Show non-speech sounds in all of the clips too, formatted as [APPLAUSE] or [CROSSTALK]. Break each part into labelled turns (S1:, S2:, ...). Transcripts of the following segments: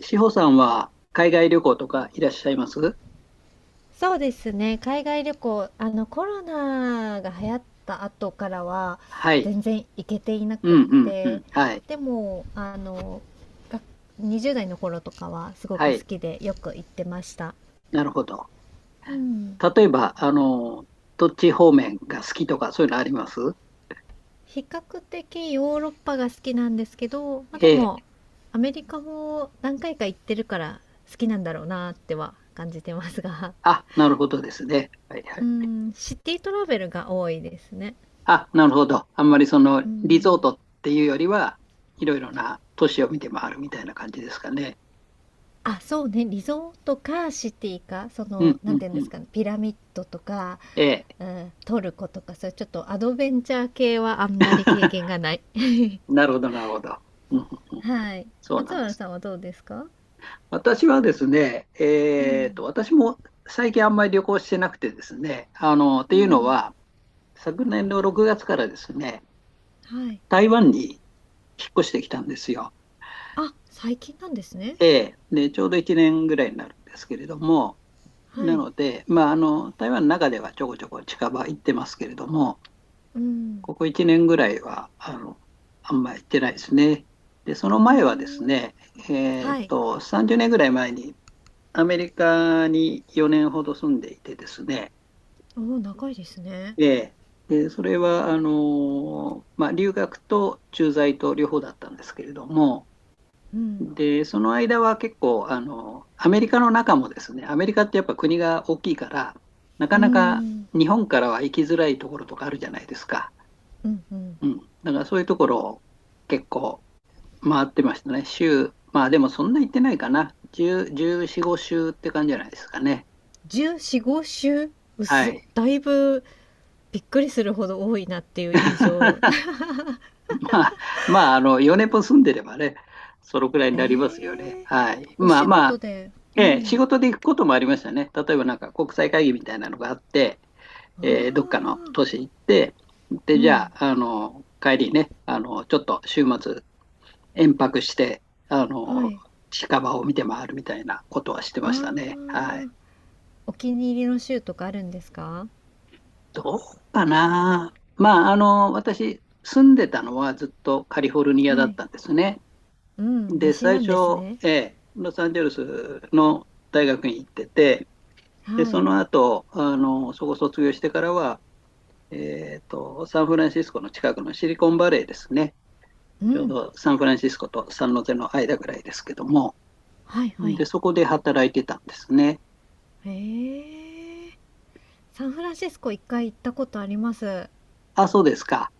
S1: 志保さんは海外旅行とかいらっしゃいます？
S2: そうですね。海外旅行、コロナが流行った後からは、
S1: はい。
S2: 全然行けていな
S1: う
S2: くっ
S1: んうんう
S2: て、
S1: ん。はい。
S2: でも、が20代の頃とかはすご
S1: は
S2: く好
S1: い。
S2: きでよく行ってました。
S1: なるほど。
S2: うん。
S1: 例えば、あの、どっち方面が好きとかそういうのあります？
S2: 比較的ヨーロッパが好きなんですけど、まあ、
S1: え
S2: でも、
S1: え。
S2: アメリカも何回か行ってるから好きなんだろうなっては感じてますが、
S1: あ、なるほどですね。はいは
S2: う
S1: い。
S2: ん、シティトラベルが多いですね。
S1: あ、なるほど。あんまりその
S2: う
S1: リゾー
S2: ん。
S1: トっていうよりは、いろいろな都市を見て回るみたいな感じですかね。
S2: あ、そうね、リゾートかシティか、
S1: うん
S2: な
S1: う
S2: ん
S1: ん
S2: ていうん
S1: う
S2: です
S1: ん。
S2: かね、ピラミッドとか、
S1: ええ。
S2: うん、トルコとか、そういうちょっとアドベンチャー系はあんまり経験が
S1: [LAUGHS]
S2: ない。[LAUGHS]
S1: なるほどなるほど。うんうんうん。
S2: はい。
S1: そうな
S2: 松
S1: んで
S2: 原
S1: すね。
S2: さんはどうですか？
S1: 私はですね、
S2: うん。
S1: 私も最近あんまり旅行してなくてですね、あの、っ
S2: う
S1: ていうの
S2: ん。
S1: は、昨年の6月からですね、
S2: はい。
S1: 台湾に引っ越してきたんですよ。
S2: あ、最近なんですね。
S1: ええ。で、ちょうど1年ぐらいになるんですけれども、
S2: は
S1: な
S2: い。
S1: ので、まあ、あの、台湾の中ではちょこちょこ近場行ってますけれども、
S2: うん。
S1: ここ1年ぐらいは、あの、あんまり行ってないですね。で、そ
S2: う
S1: の
S2: ー
S1: 前はです
S2: ん。
S1: ね、
S2: はい。
S1: 30年ぐらい前にアメリカに4年ほど住んでいてですね、
S2: おお、長いですね。
S1: ええ。で、それは、あの、まあ、留学と駐在と両方だったんですけれども、
S2: うん。
S1: で、その間は結構、あの、アメリカの中もですね、アメリカってやっぱ国が大きいから、なか
S2: うー
S1: なか
S2: ん。
S1: 日本からは行きづらいところとかあるじゃないですか。
S2: うんうん。
S1: うん。だからそういうところを結構回ってましたね。週、まあでもそんな行ってないかな。10、14、5週って感じじゃないですかね。
S2: 14、5週
S1: は
S2: 薄。
S1: い。
S2: だいぶびっくりするほど多いなっていう印象。
S1: [LAUGHS] [LAUGHS] まあ、まあ、あの、4年も住んでればね、そのくらいになりますよね。
S2: ええ、
S1: はい。
S2: お
S1: まあ
S2: 仕
S1: ま
S2: 事
S1: あ、
S2: で、う
S1: ええ、仕
S2: ん、
S1: 事で行くこともありましたね。例えばなんか国際会議みたいなのがあって、
S2: あ
S1: どっかの
S2: あ、
S1: 都市行って、で、
S2: う
S1: じゃ
S2: ん、
S1: あ、あの、帰りね、あの、ちょっと週末、延泊して、あ
S2: は
S1: の、
S2: い、
S1: 近場を見て回るみたいなことはして
S2: あ
S1: ましたね。はい。
S2: あ、お気に入りの州とかあるんですか？
S1: どうかな。まあ、あの、私、住んでたのはずっとカリフォルニアだ
S2: は
S1: っ
S2: い、
S1: たんですね。
S2: うん、
S1: で、
S2: 西
S1: 最
S2: なんです
S1: 初、
S2: ね。
S1: ロサンゼルスの大学に行ってて、で、
S2: は
S1: そ
S2: い、
S1: の後、あの、そこ卒業してからは、サンフランシスコの近くのシリコンバレーですね。
S2: う
S1: ちょう
S2: ん、
S1: どサンフランシスコとサンノゼの間ぐらいですけども、
S2: はいはい。
S1: で、そこで働いてたんですね。
S2: ええ、サンフランシスコ1回行ったことあります。
S1: あ、そうですか。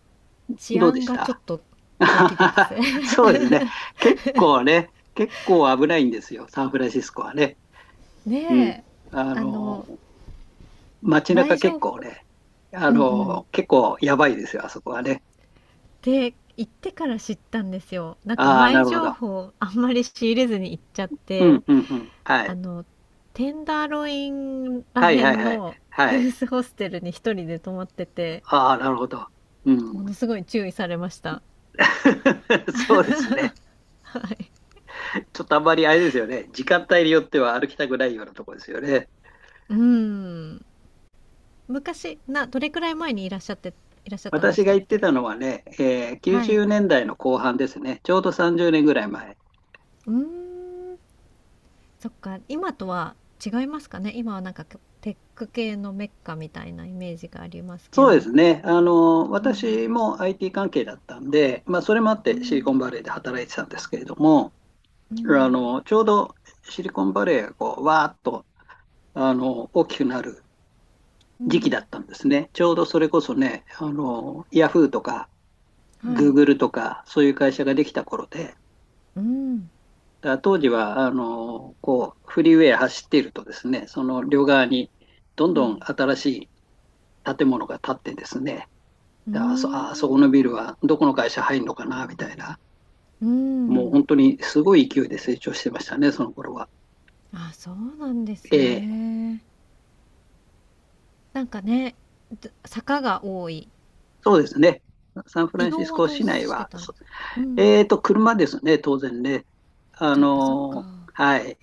S2: 治
S1: どうで
S2: 安
S1: し
S2: がちょっ
S1: た？
S2: とドキドキす
S1: [LAUGHS]
S2: る。[LAUGHS]
S1: そうですね。結構ね、結構危ないんですよ、サンフランシスコはね。うん。
S2: ねえ、
S1: あ
S2: あ
S1: の、
S2: の、
S1: 街中
S2: 前
S1: 結
S2: 情
S1: 構
S2: 報。
S1: ね、あ
S2: うんうん、
S1: の、結構やばいですよ、あそこはね。
S2: で、行ってから知ったんですよ。なんか
S1: ああ、な
S2: 前
S1: るほ
S2: 情
S1: ど。
S2: 報あんまり仕入れずに行っちゃっ
S1: うん、
S2: て、
S1: うん、うん。は
S2: あ
S1: い。
S2: の、テンダーロインら
S1: はい、
S2: へ
S1: はい、
S2: ん
S1: はい。
S2: の
S1: は
S2: ユー
S1: い。
S2: スホステルに一人で泊まってて、
S1: ああ、なるほど。う
S2: も
S1: ん。
S2: のすごい注意されました。
S1: [LAUGHS] そうですね。
S2: はい。
S1: ちょっとあんまりあれですよね。時間帯によっては歩きたくないようなところですよね。
S2: うーん。昔、どれくらい前にいらっしゃったんでし
S1: 私が
S2: たっ
S1: 行って
S2: け？
S1: たのはね、
S2: は
S1: 90
S2: い。
S1: 年代の後半ですね。ちょうど30年ぐらい前。
S2: うーん。そっか、今とは違いますかね。今はなんかテック系のメッカみたいなイメージがありますけ
S1: そうで
S2: ど。
S1: すね。あの、
S2: うん。
S1: 私も IT 関係だったんで、まあ、それもあっ
S2: う
S1: てシリコ
S2: ん。
S1: ンバレーで働いてたんですけれども、
S2: う
S1: あ
S2: ん、
S1: の、ちょうどシリコンバレーがこう、わーっと、あの、大きくなる
S2: う
S1: 時期だっ
S2: ん、
S1: たんですね。ちょうどそれこそね、あの、ヤフーとか、
S2: は
S1: グー
S2: い。
S1: グルとか、そういう会社ができた頃で、だか
S2: うん、
S1: ら当時は、あの、こう、フリーウェイ走っているとですね、その両側にどん
S2: う
S1: どん
S2: ん、
S1: 新しい建物が建ってですね、
S2: うー
S1: だあそ、あそこのビル
S2: ん、
S1: はどこの会社入るのかな、みたいな、
S2: う
S1: もう
S2: ん。
S1: 本当にすごい勢いで成長してましたね、その頃は。
S2: あ、そうなんです
S1: ええ。
S2: ね。なんかね、ど坂が多い。
S1: そうですね。サンフラ
S2: 移
S1: ンシ
S2: 動
S1: ス
S2: は
S1: コ
S2: どう
S1: 市内
S2: して
S1: は、
S2: たんで
S1: そ
S2: すか？うん、
S1: えーと、車ですね、当然ね。
S2: じゃ、やっぱそっか、
S1: はい。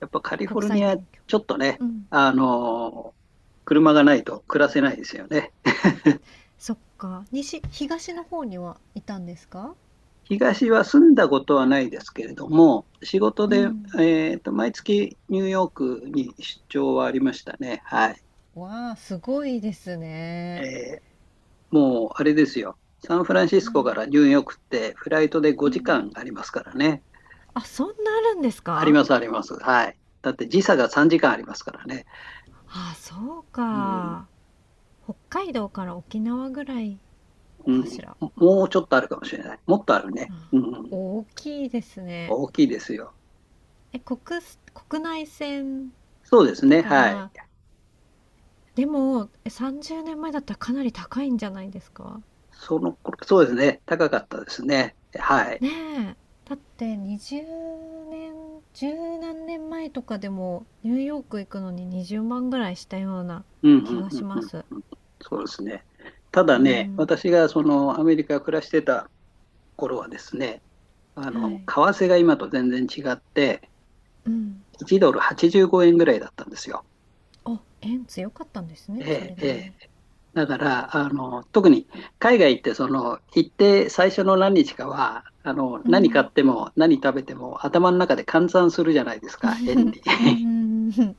S1: やっぱカリフォ
S2: 国
S1: ルニ
S2: 際
S1: ア、
S2: 勉強、
S1: ちょっとね、
S2: うん、
S1: あのー車がないと暮らせないですよね。
S2: そっか、西東の方にはいたんですか？
S1: 東は住んだことはないですけれども、仕事
S2: う
S1: で、
S2: ん。
S1: 毎月ニューヨークに出張はありましたね。はい。
S2: わあ、すごいですね。
S1: えーもう、あれですよ。サンフランシ
S2: は
S1: スコ
S2: い、
S1: からニューヨークってフライトで
S2: う
S1: 5時
S2: ん。
S1: 間ありますからね。
S2: あ、そんなあるんです
S1: あり
S2: か？
S1: ますあります。はい。だって時差が3時間ありますからね。
S2: あ、そう
S1: うん。
S2: か。北海道から沖縄ぐらい
S1: う
S2: か
S1: ん。
S2: しら。
S1: もうちょっとあるかもしれない。もっとあるね。うん。
S2: 大きいですね
S1: 大きいですよ。
S2: え、国内線
S1: そうです
S2: だ
S1: ね。
S2: か
S1: はい。
S2: ら、でも、さんじゅうねんまえ30年前だったらかなり高いんじゃないですか？
S1: その頃、そうですね。高かったですね。はい。
S2: ねえ、だって20年、十何年前とかでもニューヨーク行くのに20万ぐらいしたような
S1: うん
S2: 気
S1: うん
S2: が
S1: う
S2: し
S1: んう
S2: ま
S1: ん
S2: す。
S1: うん。そうですね。ただ
S2: う
S1: ね、
S2: ん、
S1: 私がそのアメリカ暮らしてた頃はですね、あ
S2: は
S1: の、
S2: い、
S1: 為替が今と全然違って、
S2: うん、
S1: 1ドル85円ぐらいだったんですよ。
S2: あ、円強かったんですね、そ
S1: ええ、
S2: れ
S1: え
S2: なり
S1: え。
S2: に。
S1: だから、あの、特に海外ってその、行って最初の何日かは、あの、
S2: う
S1: 何買っ
S2: ん、
S1: ても何食べても頭の中で換算するじゃないですか、円に。
S2: うん、う
S1: [LAUGHS]
S2: ん、うん、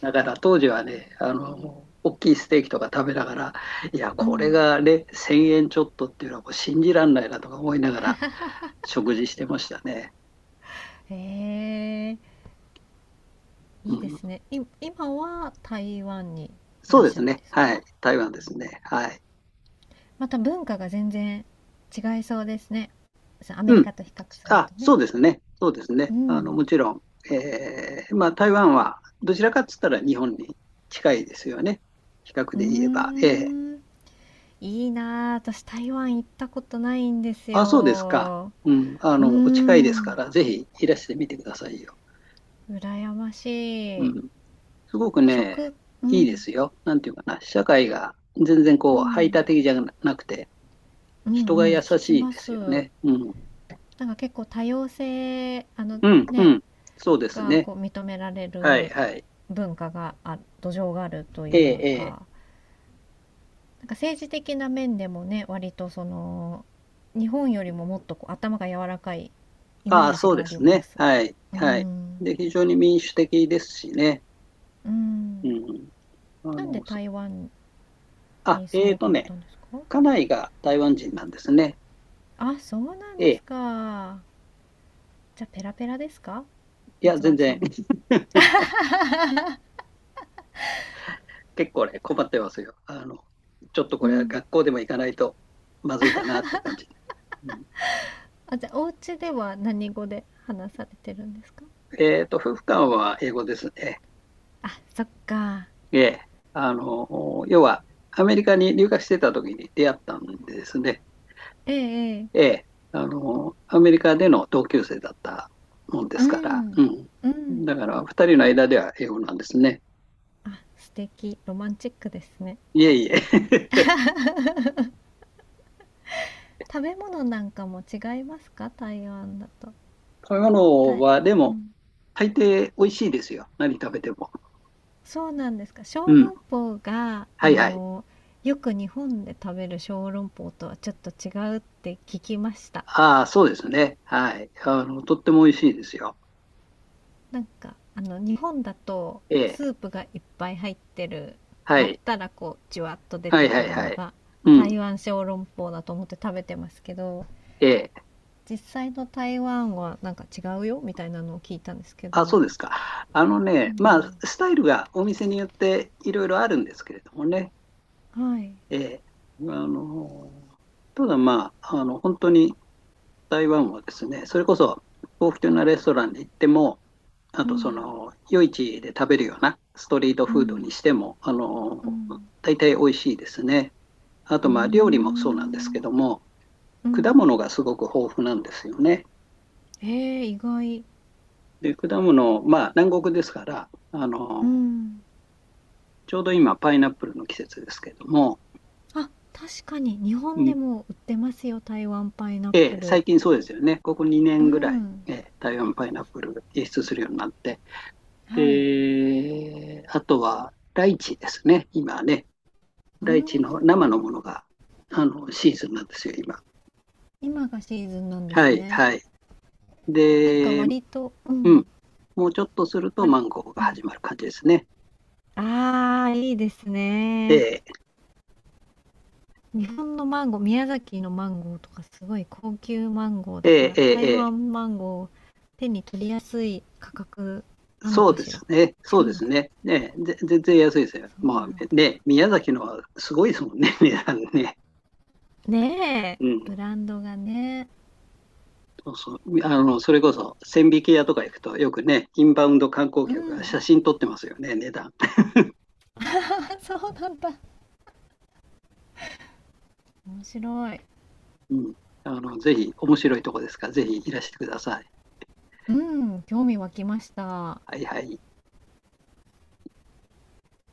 S1: だから当時はね、あの、大きいステーキとか食べながら、いや、
S2: う
S1: これ
S2: ん、
S1: がね、1000円ちょっとっていうのはもう信じらんないなとか思いながら食事してましたね。
S2: へえ、
S1: う
S2: いいで
S1: ん、
S2: すね。今は台湾にい
S1: そ
S2: ら
S1: う
S2: っ
S1: で
S2: し
S1: す
S2: ゃるん
S1: ね。
S2: です
S1: はい。
S2: か？
S1: 台湾ですね。はい。
S2: また文化が全然違いそうですね。そう、アメ
S1: う
S2: リ
S1: ん。
S2: カと比較する
S1: あ、
S2: とね。
S1: そうですね。そうです
S2: う
S1: ね。あの、も
S2: ん。
S1: ちろん、まあ、台湾はどちらかっつったら日本に近いですよね。比較
S2: うー
S1: で言えば。ええ。
S2: ん。いいなあ。私、台湾行ったことないんです
S1: あ、そうですか。
S2: よ。
S1: うん。あ
S2: うー
S1: の、お近いですか
S2: ん。
S1: ら、ぜひいらしてみてくださいよ。
S2: 羨まし
S1: う
S2: い。
S1: ん。すごくね、
S2: 食、う
S1: いいで
S2: ん。
S1: すよ。なんていうかな。社会が全然こ
S2: う
S1: う、排他
S2: ん。
S1: 的じゃなくて、
S2: う
S1: 人が
S2: んうん。
S1: 優
S2: 聞き
S1: しい
S2: ま
S1: ですよ
S2: す。
S1: ね。うん。
S2: なんか結構多様性、
S1: うん、う
S2: ね、
S1: ん。そうです
S2: が
S1: ね。
S2: こう認められ
S1: はい、
S2: る
S1: はい。
S2: 文化が、あ、土壌があるとい
S1: え
S2: う
S1: えええ。
S2: か。なんか政治的な面でもね、割と日本よりももっとこう頭が柔らかいイ
S1: あ
S2: メ
S1: あ、
S2: ージ
S1: そう
S2: が
S1: で
S2: あり
S1: す
S2: ま
S1: ね。
S2: す。
S1: はい。
S2: う
S1: はい。
S2: ん、
S1: で、非常に民主的ですしね。
S2: う
S1: う
S2: ん、
S1: ん。あ
S2: なんで
S1: の、そ
S2: 台湾
S1: あ、
S2: に住
S1: えー
S2: もうと
S1: と
S2: 思っ
S1: ね、
S2: たんですか？
S1: 家内が台湾人なんですね。
S2: あ、そうなん
S1: え
S2: で
S1: え。
S2: すか？じゃあペラペラですか？
S1: いや、
S2: 松
S1: 全
S2: 原さ
S1: 然、
S2: んも。
S1: [LAUGHS] 結構ね、困ってますよ。あの、ちょっと
S2: う
S1: これは
S2: ん、
S1: 学校でも行かないとまずいかなって感じ。うん、
S2: あ、じゃあお家では何語で話されてるんですか？
S1: 夫婦間は英語ですね。
S2: あ、そっか。
S1: ええ。あの、要は、アメリカに留学してた時に出会ったんですね。
S2: ええええ、
S1: ええ、あの、アメリカでの同級生だったもんで
S2: う
S1: すから、う
S2: ん、う
S1: ん。
S2: ん。
S1: だから、二人の間では英語なんですね。
S2: あ、素敵、ロマンチックですね。
S1: いえいえ。[LAUGHS]
S2: 食べ物なんかも違いますか？台湾だと。
S1: 食べ物
S2: た
S1: は、で
S2: う
S1: も、
S2: ん。
S1: 大抵美味しいですよ。何食べても。
S2: そうなんですか。
S1: う
S2: 小
S1: ん。
S2: 籠包が、
S1: はいはい。
S2: よく日本で食べる小籠包とはちょっと違うって聞きました。
S1: ああ、そうですね。はい。あの、とっても美味しいですよ。
S2: なんか、日本だと
S1: ええ。
S2: スープがいっぱい入ってる、
S1: は
S2: 割
S1: い。
S2: ったらこう、じゅわっと出
S1: はい
S2: て
S1: はい
S2: くる
S1: は
S2: の
S1: い。
S2: が、
S1: うん。
S2: 台湾小籠包だと思って食べてますけど、
S1: ええ。
S2: 実際の台湾はなんか違うよみたいなのを聞いたんですけ
S1: あ、そ
S2: ど。
S1: うですか。あの
S2: う
S1: ね、まあ、
S2: ん、
S1: スタイルがお店によっていろいろあるんですけれどもね。
S2: はい、
S1: ええ、あの、ただまあ、あの、本当に台湾はですね、それこそ高級なレストランに行っても、あ
S2: う
S1: とそ
S2: ん、
S1: の、夜市で食べるようなストリート
S2: う
S1: フード
S2: ん、
S1: にしても、あ
S2: う
S1: の、
S2: ん、
S1: 大体美味しいですね。あ
S2: う
S1: と
S2: ー
S1: まあ、料理もそうなんですけ
S2: ん、
S1: ども、
S2: う
S1: 果
S2: ん、
S1: 物がすごく豊富なんですよね。
S2: え意外、
S1: で、果物、まあ、南国ですから、あ
S2: う
S1: の、
S2: ん、
S1: ちょうど今、パイナップルの季節ですけども、
S2: あ、確かに日
S1: う
S2: 本で
S1: ん。
S2: も売ってますよ、台湾パイナッ
S1: え
S2: プ
S1: え、
S2: ル。
S1: 最近そうですよね。ここ2
S2: う
S1: 年ぐらい、
S2: ん、
S1: ええ、台湾パイナップル輸出するようになって。
S2: はい、
S1: で、あとは、ライチですね。今ね、
S2: う
S1: ライチ
S2: ー
S1: の生のもの
S2: ん、
S1: が、あの、シーズンなんですよ、今。
S2: 今がシーズンなんです
S1: はい、
S2: ね。
S1: はい。
S2: なんか
S1: で、う
S2: 割と、う
S1: ん。
S2: ん、
S1: もうちょっとすると
S2: 割、
S1: マンゴーが
S2: う
S1: 始
S2: ん、
S1: まる感じですね。
S2: ああ、いいですね。
S1: ええ、
S2: 日本のマンゴー、宮崎のマンゴーとかすごい高級マンゴー
S1: え
S2: だか
S1: え、
S2: ら、
S1: ええ、
S2: 台
S1: ええ。
S2: 湾マンゴーを手に取りやすい価格なの
S1: そう
S2: か
S1: で
S2: し
S1: す
S2: ら。
S1: ね。
S2: 違
S1: そう
S2: う
S1: で
S2: の
S1: す
S2: か
S1: ね。ねえ、ぜ全
S2: な。
S1: 然
S2: あ、
S1: 安いですよ。
S2: そうな
S1: まあ
S2: んだ。
S1: ね、宮崎のはすごいですもんね、値段ね。
S2: ねえ、
S1: う
S2: ブ
S1: ん。
S2: ランドがね。
S1: そうそう、あの、それこそ、千疋屋とか行くと、よくね、インバウンド観光
S2: う
S1: 客が
S2: ん。
S1: 写真撮ってますよね、値段。
S2: あ、そうなんだ。面白い。
S1: うん。あの、ぜひ、面白いとこですから、ぜひいらしてください。
S2: うん、興味湧きました。
S1: はいはい。